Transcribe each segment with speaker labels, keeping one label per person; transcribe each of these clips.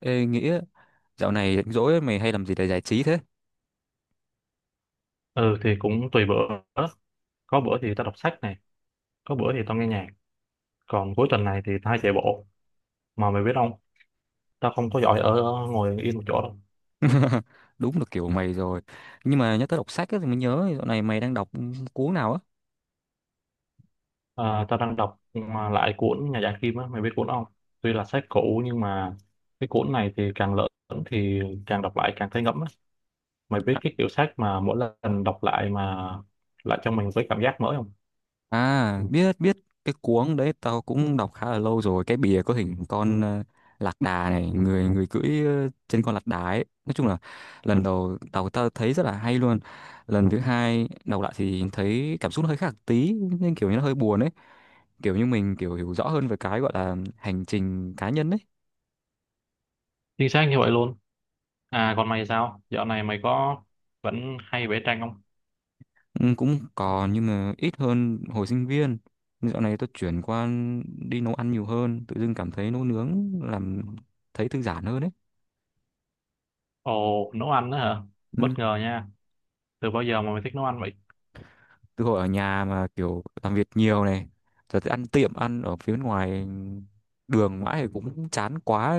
Speaker 1: Ê, Nghĩa, dạo này rảnh rỗi mày hay làm gì để giải trí thế?
Speaker 2: Ừ thì cũng tùy bữa. Có bữa thì tao đọc sách này, có bữa thì tao nghe nhạc, còn cuối tuần này thì tao hay chạy bộ. Mà mày biết không, tao không có giỏi ở ngồi yên một chỗ đâu.
Speaker 1: Đúng là kiểu mày rồi. Nhưng mà nhắc tới đọc sách ấy, thì mới nhớ dạo này mày đang đọc cuốn nào á?
Speaker 2: Tao đang đọc mà lại cuốn Nhà Giả Kim á, mày biết cuốn không? Tuy là sách cũ nhưng mà cái cuốn này thì càng lớn thì càng đọc lại càng thấy ngẫm á. Mày biết cái kiểu sách mà mỗi lần đọc lại mà lại cho mình với cảm giác mới không?
Speaker 1: À, biết biết, cái cuốn đấy tao cũng đọc khá là lâu rồi. Cái bìa có hình con lạc đà này, người người cưỡi trên con lạc đà ấy. Nói chung là lần đầu tao tao thấy rất là hay luôn. Lần thứ hai đọc lại thì thấy cảm xúc nó hơi khác tí, nên kiểu như nó hơi buồn ấy. Kiểu như mình kiểu hiểu rõ hơn về cái gọi là hành trình cá nhân ấy.
Speaker 2: Chính xác như vậy luôn. Còn mày sao, dạo này mày có vẫn hay vẽ tranh không?
Speaker 1: Ừ, cũng còn nhưng mà ít hơn hồi sinh viên. Nhưng dạo này tôi chuyển qua đi nấu ăn nhiều hơn, tự dưng cảm thấy nấu nướng làm thấy thư giãn hơn đấy.
Speaker 2: Ồ, nấu ăn đó hả? Bất
Speaker 1: Ừ.
Speaker 2: ngờ nha. Từ bao giờ mà mày thích nấu ăn vậy?
Speaker 1: Từ hồi ở nhà mà kiểu làm việc nhiều này, giờ thì ăn tiệm, ăn ở phía bên ngoài đường mãi thì cũng chán quá.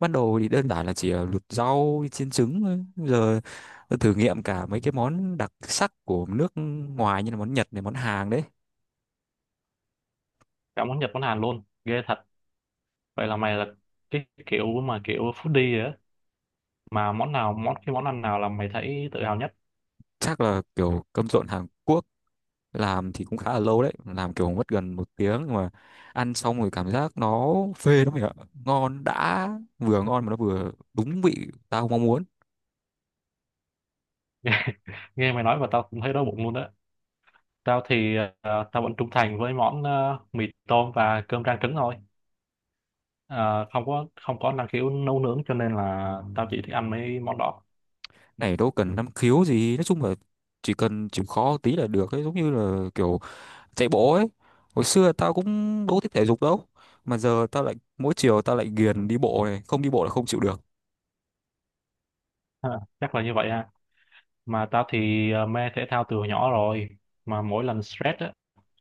Speaker 1: Ban đầu thì đơn giản là chỉ luộc rau chiên trứng thôi. Bây giờ tôi thử nghiệm cả mấy cái món đặc sắc của nước ngoài, như là món Nhật này, món Hàn đấy.
Speaker 2: Cả món Nhật món Hàn luôn. Ghê thật. Vậy là mày là cái kiểu mà kiểu foodie rồi á. Mà món nào, cái món ăn nào là mày thấy tự hào nhất?
Speaker 1: Chắc là kiểu cơm trộn Hàn Quốc, làm thì cũng khá là lâu đấy, làm kiểu mất gần 1 tiếng, nhưng mà ăn xong rồi cảm giác nó phê lắm mày ạ, ngon đã, vừa ngon mà nó vừa đúng vị tao mong muốn.
Speaker 2: Nghe mày nói và tao cũng thấy đói bụng luôn đó. Tao thì tao vẫn trung thành với món mì tôm và cơm rang trứng thôi. Ờ, không có năng khiếu nấu nướng cho nên là tao chỉ thích ăn mấy món đó.
Speaker 1: Này đâu cần năng khiếu gì, nói chung là chỉ cần chịu khó tí là được ấy, giống như là kiểu chạy bộ ấy. Hồi xưa tao cũng đâu thích thể dục đâu, mà giờ tao lại mỗi chiều tao lại ghiền đi bộ này, không đi bộ là không chịu được.
Speaker 2: Ha, Chắc là như vậy ha. Mà tao thì mê thể thao từ hồi nhỏ rồi. Mà mỗi lần stress á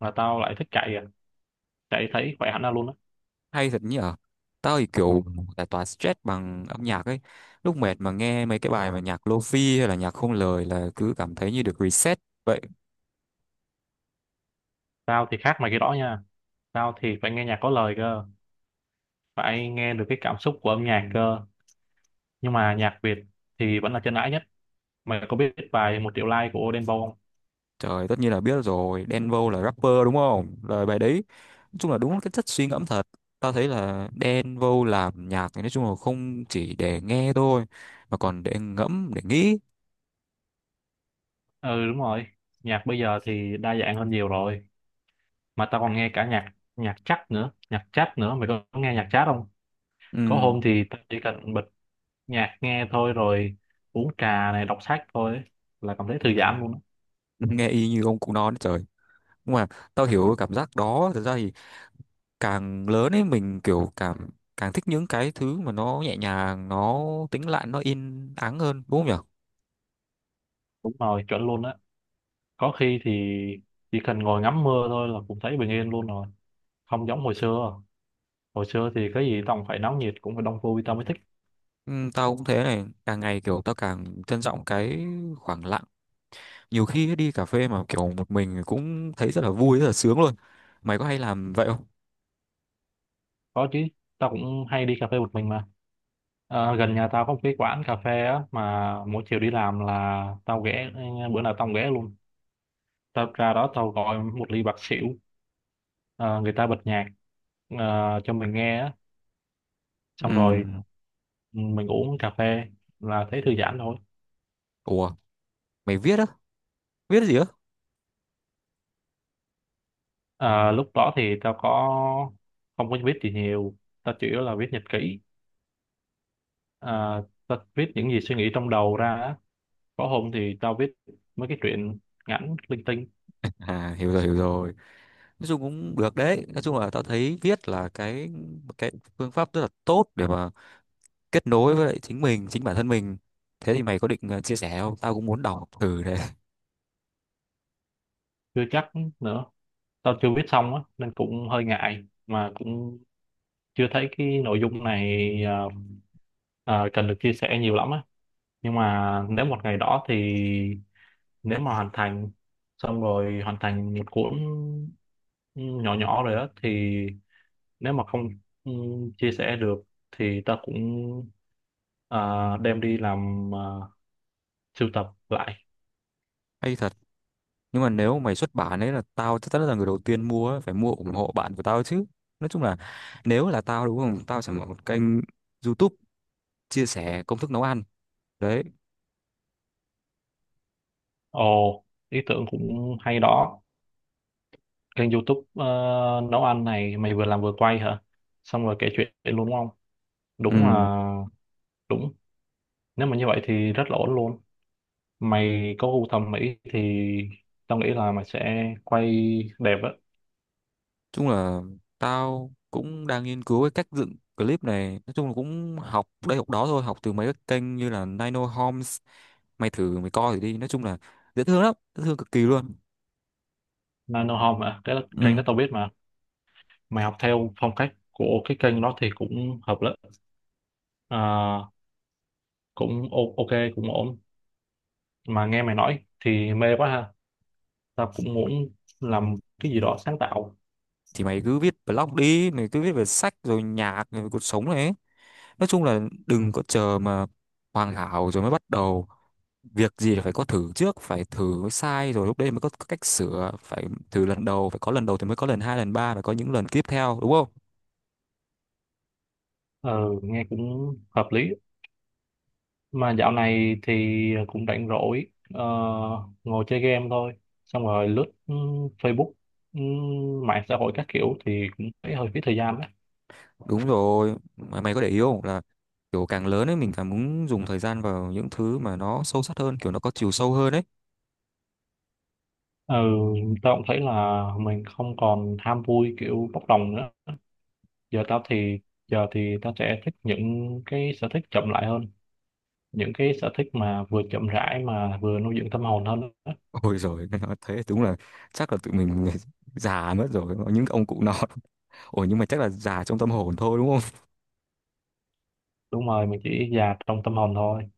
Speaker 2: là tao lại thích chạy à. Đấy, thấy khỏe hẳn ra luôn á.
Speaker 1: Hay thật nhỉ, tao thì kiểu giải tỏa stress bằng âm nhạc ấy, lúc mệt mà nghe mấy cái bài mà nhạc lofi hay là nhạc không lời là cứ cảm thấy như được reset vậy.
Speaker 2: Tao thì khác mày cái đó nha. Tao thì phải nghe nhạc có lời cơ. Phải nghe được cái cảm xúc của âm nhạc cơ. Nhưng mà nhạc Việt thì vẫn là chân ái nhất. Mày có biết bài Một Triệu Like của Đen Vâu không?
Speaker 1: Trời, tất nhiên là biết rồi, Đen Vâu là rapper đúng không, lời bài đấy nói chung là đúng cái chất suy ngẫm thật. Tao thấy là Đen Vâu làm nhạc thì nói chung là không chỉ để nghe thôi mà còn để ngẫm để nghĩ.
Speaker 2: Ừ, đúng rồi. Nhạc bây giờ thì đa dạng hơn nhiều rồi. Mà tao còn nghe cả nhạc nhạc chắc nữa. Nhạc chat nữa. Mày có nghe nhạc chat không? Có hôm
Speaker 1: Ừm.
Speaker 2: thì tao chỉ cần bật nhạc nghe thôi, rồi uống trà này, đọc sách thôi ấy, là cảm thấy thư giãn luôn á.
Speaker 1: Nghe y như ông cụ non đấy trời, nhưng mà tao hiểu cái cảm giác đó. Thật ra thì càng lớn ấy mình kiểu cảm càng thích những cái thứ mà nó nhẹ nhàng, nó tĩnh lặng, nó yên ắng hơn đúng không nhở.
Speaker 2: Đúng rồi, chuẩn luôn á. Có khi thì chỉ cần ngồi ngắm mưa thôi là cũng thấy bình yên luôn rồi. Không giống Hồi xưa thì cái gì tao cũng phải náo nhiệt, cũng phải đông vui tao mới thích.
Speaker 1: Ừ, tao cũng thế, này càng ngày kiểu tao càng trân trọng cái khoảng lặng, nhiều khi ấy, đi cà phê mà kiểu một mình cũng thấy rất là vui, rất là sướng luôn. Mày có hay làm vậy không?
Speaker 2: Có chứ, tao cũng hay đi cà phê một mình mà. Ờ, gần nhà tao có một cái quán cà phê á, mà mỗi chiều đi làm là tao ghé. Bữa nào tao cũng ghé luôn. Tao ra đó, tao gọi một ly bạc xỉu. Ờ, người ta bật nhạc cho mình nghe á,
Speaker 1: Ừ.
Speaker 2: xong rồi mình uống cà phê là thấy thư giãn thôi.
Speaker 1: Ủa, mày viết á? Viết gì á?
Speaker 2: Ờ, lúc đó thì tao có không có biết gì nhiều. Tao chủ yếu là viết nhật ký. Ờ, tao viết những gì suy nghĩ trong đầu ra á. Có hôm thì tao viết mấy cái chuyện ngắn linh tinh.
Speaker 1: À, hiểu rồi hiểu rồi, nói chung cũng được đấy. Nói chung là tao thấy viết là một cái phương pháp rất là tốt để mà kết nối với lại chính mình, chính bản thân mình. Thế thì mày có định chia sẻ không, tao cũng muốn đọc thử đấy.
Speaker 2: Chưa chắc nữa, tao chưa viết xong á nên cũng hơi ngại, mà cũng chưa thấy cái nội dung này cần được chia sẻ nhiều lắm á. Nhưng mà nếu một ngày đó thì, nếu mà hoàn thành một cuốn nhỏ nhỏ rồi á, thì nếu mà không chia sẻ được thì ta cũng à, đem đi làm, sưu tập lại.
Speaker 1: Hay thật, nhưng mà nếu mày xuất bản ấy là tao chắc chắn là người đầu tiên mua ấy, phải mua ủng hộ bạn của tao chứ. Nói chung là nếu là tao đúng không, tao sẽ mở một kênh YouTube chia sẻ công thức nấu ăn đấy.
Speaker 2: Ồ, ý tưởng cũng hay đó. Kênh YouTube nấu ăn này, mày vừa làm vừa quay hả, xong rồi kể chuyện luôn đúng không?
Speaker 1: Ừ,
Speaker 2: Đúng là
Speaker 1: nói
Speaker 2: đúng Nếu mà như vậy thì rất là ổn luôn. Mày có gu thẩm mỹ thì tao nghĩ là mày sẽ quay đẹp á.
Speaker 1: chung là tao cũng đang nghiên cứu cái cách dựng clip này, nói chung là cũng học đây học đó thôi, học từ mấy cái kênh như là Nino Homes. Mày coi thử đi, nói chung là dễ thương lắm, dễ thương cực kỳ luôn.
Speaker 2: Nano Home à, cái kênh
Speaker 1: Ừ
Speaker 2: đó tao biết mà. Mày học theo phong cách của cái kênh đó thì cũng hợp lắm. à, Cũng ok, cũng ổn. Mà nghe mày nói thì mê quá ha. Tao cũng muốn làm cái gì đó sáng tạo.
Speaker 1: thì mày cứ viết blog đi, mày cứ viết về sách rồi nhạc rồi cuộc sống này ấy. Nói chung là đừng có chờ mà hoàn hảo rồi mới bắt đầu, việc gì là phải có thử trước, phải thử mới sai, rồi lúc đấy mới có cách sửa. Phải thử lần đầu, phải có lần đầu thì mới có lần hai lần ba, phải có những lần tiếp theo đúng không.
Speaker 2: Ờ, nghe cũng hợp lý. Mà dạo này thì cũng rảnh rỗi, ờ, ngồi chơi game thôi, xong rồi lướt Facebook, ừ, mạng xã hội các kiểu thì cũng thấy hơi phí thời gian đấy.
Speaker 1: Đúng rồi mày, mày có để ý không là kiểu càng lớn ấy mình càng muốn dùng thời gian vào những thứ mà nó sâu sắc hơn, kiểu nó có chiều sâu hơn ấy.
Speaker 2: Ừ, tao cũng thấy là mình không còn ham vui kiểu bốc đồng nữa. giờ tao thì Giờ thì tao sẽ thích những cái sở thích chậm lại hơn, những cái sở thích mà vừa chậm rãi mà vừa nuôi dưỡng tâm hồn hơn.
Speaker 1: Ôi rồi nói thế đúng là chắc là tụi mình già mất rồi, những ông cụ nọ. Ủa nhưng mà chắc là già trong tâm hồn thôi đúng không?
Speaker 2: Đúng rồi, mình chỉ già trong tâm hồn thôi.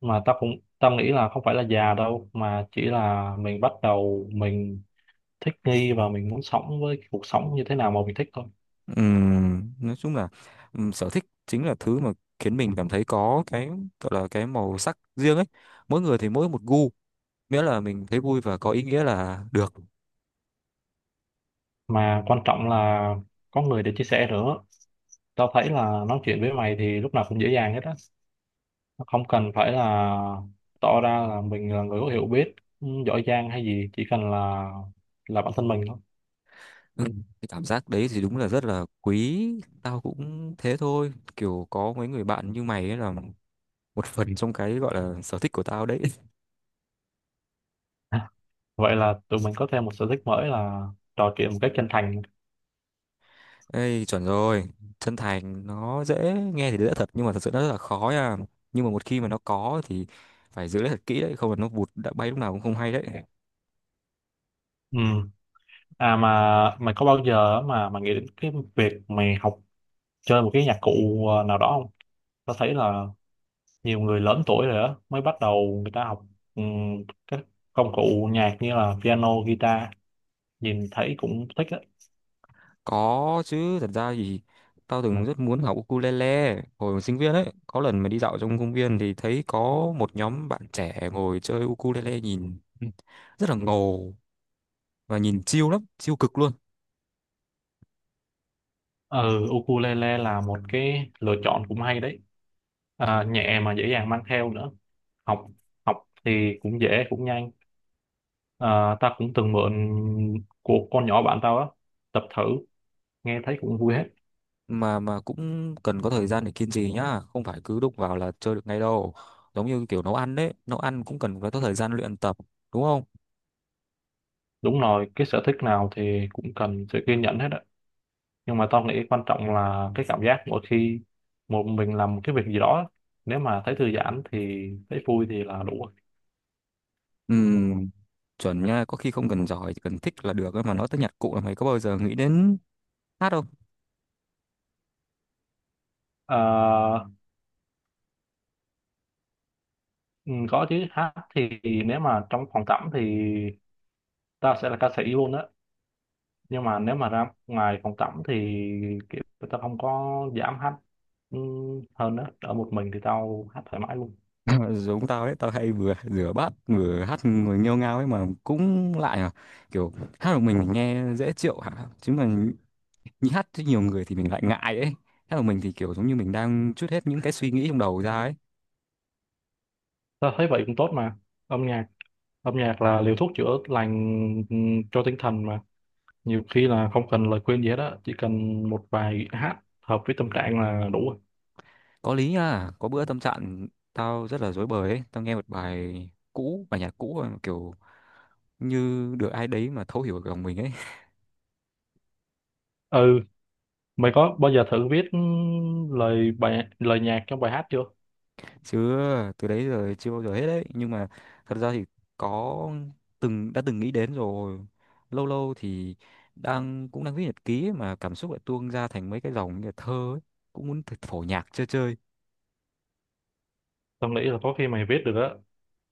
Speaker 2: Mà tao cũng, tao nghĩ là không phải là già đâu, mà chỉ là mình bắt đầu mình thích nghi và mình muốn sống với cái cuộc sống như thế nào mà mình thích thôi.
Speaker 1: Nói chung là sở thích chính là thứ mà khiến mình cảm thấy có cái gọi là cái màu sắc riêng ấy. Mỗi người thì mỗi một gu, miễn là mình thấy vui và có ý nghĩa là được.
Speaker 2: Mà quan trọng là có người để chia sẻ nữa. Tao thấy là nói chuyện với mày thì lúc nào cũng dễ dàng hết á. Không cần phải là tỏ ra là mình là người có hiểu biết giỏi giang hay gì, chỉ cần là bản thân mình thôi.
Speaker 1: Cái cảm giác đấy thì đúng là rất là quý. Tao cũng thế thôi, kiểu có mấy người bạn như mày ấy là một phần trong cái gọi là sở thích của tao đấy.
Speaker 2: Vậy là tụi mình có thêm một sở thích mới là trò chuyện một cách chân thành.
Speaker 1: Ê, chuẩn rồi. Chân thành nó dễ nghe thì dễ thật nhưng mà thật sự nó rất là khó nha. Nhưng mà một khi mà nó có thì phải giữ lấy thật kỹ đấy, không là nó vụt đã bay lúc nào cũng không hay đấy.
Speaker 2: Ừ. À mà mày có bao giờ mà mày nghĩ đến cái việc mày học chơi một cái nhạc cụ nào đó không? Tao thấy là nhiều người lớn tuổi rồi đó mới bắt đầu người ta học các công cụ nhạc như là piano, guitar. Nhìn thấy cũng thích á.
Speaker 1: Có chứ, thật ra thì tao từng rất muốn học ukulele hồi còn sinh viên ấy. Có lần mà đi dạo trong công viên thì thấy có một nhóm bạn trẻ ngồi chơi ukulele nhìn rất là ngầu và nhìn chill lắm, chill cực luôn.
Speaker 2: Ừ, ukulele là một cái lựa chọn cũng hay đấy. À, nhẹ mà dễ dàng mang theo nữa. Học Học thì cũng dễ cũng nhanh. À, ta cũng từng mượn của con nhỏ bạn tao á, tập thử nghe thấy cũng vui hết.
Speaker 1: Mà cũng cần có thời gian để kiên trì nhá, không phải cứ đụng vào là chơi được ngay đâu. Giống như kiểu nấu ăn đấy, nấu ăn cũng cần phải có thời gian luyện tập đúng không.
Speaker 2: Đúng rồi, cái sở thích nào thì cũng cần sự kiên nhẫn hết á. Nhưng mà tao nghĩ quan trọng là cái cảm giác mỗi khi một mình làm một cái việc gì đó á, nếu mà thấy thư giãn thì thấy vui thì là đủ rồi.
Speaker 1: Ừ, chuẩn nha, có khi không cần giỏi chỉ cần thích là được ấy. Mà nói tới nhặt cụ là mày có bao giờ nghĩ đến hát không?
Speaker 2: à, ừ, có chứ, hát thì nếu mà trong phòng tắm thì tao sẽ là ca sĩ luôn á. Nhưng mà nếu mà ra ngoài phòng tắm thì kiểu tao không có dám hát ừ, hơn á. Ở một mình thì tao hát thoải mái luôn.
Speaker 1: Giống tao đấy, tao hay vừa rửa bát vừa hát người nghêu ngao ấy mà, cũng lại à, kiểu hát một mình nghe dễ chịu hả chứ, mà nhí hát với nhiều người thì mình lại ngại ấy. Hát một mình thì kiểu giống như mình đang trút hết những cái suy nghĩ trong đầu ra ấy.
Speaker 2: Ta thấy vậy cũng tốt mà. âm nhạc Âm nhạc là liều thuốc chữa lành cho tinh thần mà. Nhiều khi là không cần lời khuyên gì hết á, chỉ cần một vài hát hợp với tâm trạng là đủ rồi.
Speaker 1: Có lý nha, có bữa tâm trạng tao rất là rối bời ấy, tao nghe một bài cũ, bài nhạc cũ mà kiểu như được ai đấy mà thấu hiểu lòng mình ấy.
Speaker 2: Ừ, mày có bao giờ thử viết lời nhạc trong bài hát chưa?
Speaker 1: Chứ từ đấy giờ chưa bao giờ hết đấy, nhưng mà thật ra thì có từng đã từng nghĩ đến rồi. Lâu lâu thì cũng đang viết nhật ký ấy, mà cảm xúc lại tuôn ra thành mấy cái dòng như là thơ ấy, cũng muốn phổ nhạc chơi chơi.
Speaker 2: Tao nghĩ là có khi mày viết được á.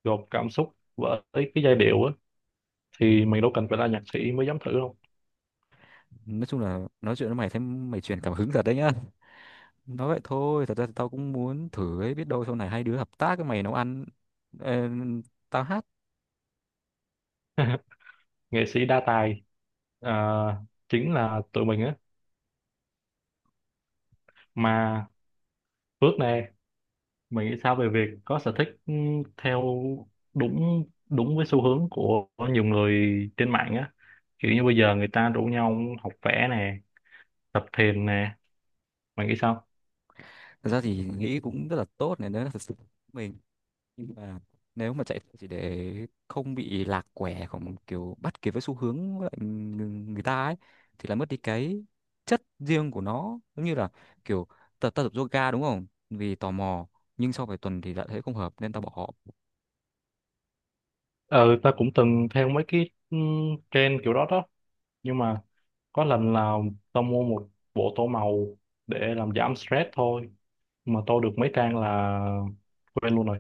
Speaker 2: Gộp cảm xúc với cái giai điệu á thì mày đâu cần phải là nhạc sĩ mới dám thử đâu.
Speaker 1: Nói chung là nói chuyện với mày thấy mày truyền cảm hứng thật đấy nhá. Nói vậy thôi, thật ra thì tao cũng muốn thử ấy, biết đâu sau này hai đứa hợp tác, với mày nấu ăn ờ, tao hát.
Speaker 2: nghệ sĩ đa tài, à, chính là tụi mình á. Mà Phước nè, mình nghĩ sao về việc có sở thích theo đúng đúng với xu hướng của nhiều người trên mạng á? Kiểu như bây giờ người ta rủ nhau học vẽ nè, tập thiền nè. Mày nghĩ sao?
Speaker 1: Thật ra thì nghĩ cũng rất là tốt này nếu là thật sự của mình. Nhưng mà nếu mà chạy chỉ để không bị lạc quẻ, không kiểu bắt kịp với xu hướng với lại người người ta ấy thì là mất đi cái chất riêng của nó. Giống như là kiểu ta tập yoga đúng không, vì tò mò, nhưng sau vài tuần thì lại thấy không hợp nên tao bỏ.
Speaker 2: Ờ, ta cũng từng theo mấy cái trend kiểu đó đó. Nhưng mà có lần là tao mua một bộ tô màu để làm giảm stress thôi. Mà tô được mấy trang là quên luôn rồi.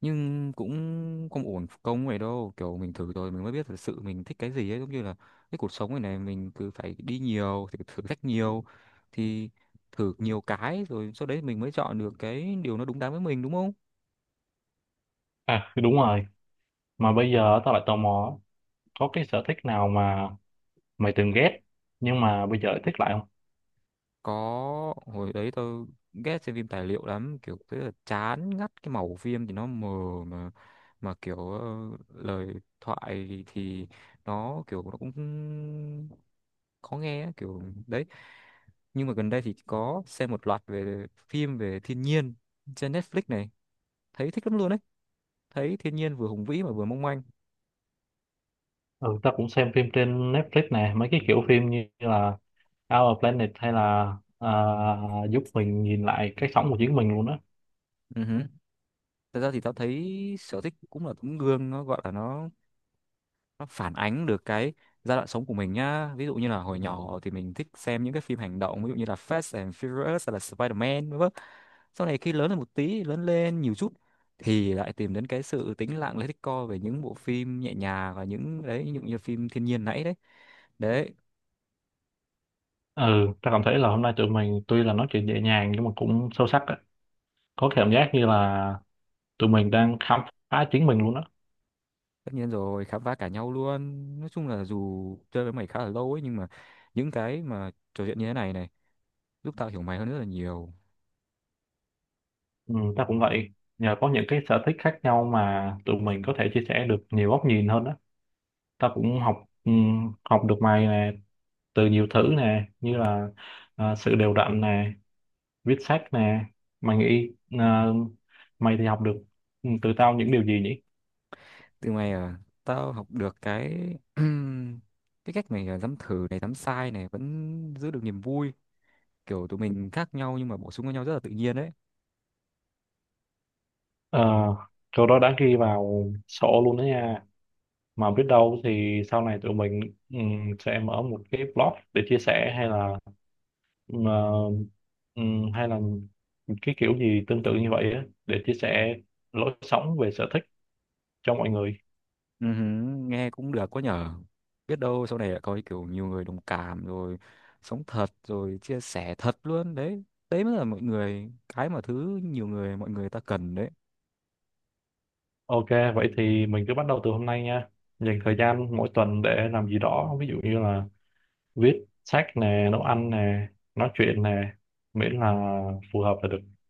Speaker 1: Nhưng cũng không ổn công vậy đâu, kiểu mình thử rồi mình mới biết thật sự mình thích cái gì ấy, giống như là cái cuộc sống này này mình cứ phải đi nhiều thử, thử thách nhiều thì thử nhiều cái rồi sau đấy mình mới chọn được cái điều nó đúng đắn với mình đúng không.
Speaker 2: À, đúng rồi. Mà bây giờ tao lại tò mò, có cái sở thích nào mà mày từng ghét nhưng mà bây giờ lại thích lại không?
Speaker 1: Có, hồi đấy tôi ghét xem phim tài liệu lắm, kiểu rất là chán ngắt, cái màu phim thì nó mờ, mà mà kiểu lời thoại thì nó kiểu nó cũng khó nghe á, kiểu đấy. Nhưng mà gần đây thì có xem một loạt phim về thiên nhiên trên Netflix này, thấy thích lắm luôn đấy, thấy thiên nhiên vừa hùng vĩ mà vừa mong manh.
Speaker 2: Ừ, ta cũng xem phim trên Netflix nè, mấy cái kiểu phim như là Our Planet hay là à, giúp mình nhìn lại cái sống của chính mình luôn á.
Speaker 1: Ừ hử. Thật ra thì tao thấy sở thích cũng là tấm gương, nó gọi là nó phản ánh được cái giai đoạn sống của mình nhá, ví dụ như là hồi nhỏ thì mình thích xem những cái phim hành động, ví dụ như là Fast and Furious hay là Spider-Man vân vân. Sau này khi lớn lên một tí, lớn lên nhiều chút thì lại tìm đến cái sự tĩnh lặng, lấy thích co về những bộ phim nhẹ nhàng và những đấy, ví dụ như phim thiên nhiên nãy đấy đấy.
Speaker 2: Ừ, ta cảm thấy là hôm nay tụi mình tuy là nói chuyện nhẹ nhàng nhưng mà cũng sâu sắc á. Có cảm giác như là tụi mình đang khám phá chính mình luôn á.
Speaker 1: Tất nhiên rồi, khám phá cả nhau luôn. Nói chung là dù chơi với mày khá là lâu ấy, nhưng mà những cái mà trò chuyện như thế này này giúp tao hiểu mày hơn rất là nhiều.
Speaker 2: Ừ, ta cũng vậy. Nhờ có những cái sở thích khác nhau mà tụi mình có thể chia sẻ được nhiều góc nhìn hơn á. Ta cũng học, ừ, học được mày nè, từ nhiều thứ nè, như là sự đều đặn nè, viết sách nè. Mày nghĩ ờ, mày thì học được từ tao những điều gì nhỉ?
Speaker 1: Từ mày à, tao học được cái cái cách mày à, dám thử này dám sai này vẫn giữ được niềm vui, kiểu tụi mình khác nhau nhưng mà bổ sung với nhau rất là tự nhiên đấy.
Speaker 2: Ờ, câu đó đã ghi vào sổ luôn đó nha. Mà biết đâu thì sau này tụi mình sẽ mở một cái blog để chia sẻ, hay là ừ, ờ, hay là cái kiểu gì tương tự như vậy á, để chia sẻ lối sống về sở thích cho mọi người.
Speaker 1: Ừ hứ, nghe cũng được quá nhở, biết đâu sau này lại có kiểu nhiều người đồng cảm rồi, sống thật rồi chia sẻ thật luôn đấy. Đấy mới là mọi người, cái mà thứ nhiều người, mọi người ta cần đấy.
Speaker 2: Ok, vậy thì mình cứ bắt đầu từ hôm nay nha. Dành thời gian mỗi tuần để làm gì đó, ví dụ như là viết sách nè, nấu ăn nè, nói chuyện nè, miễn là phù hợp là được.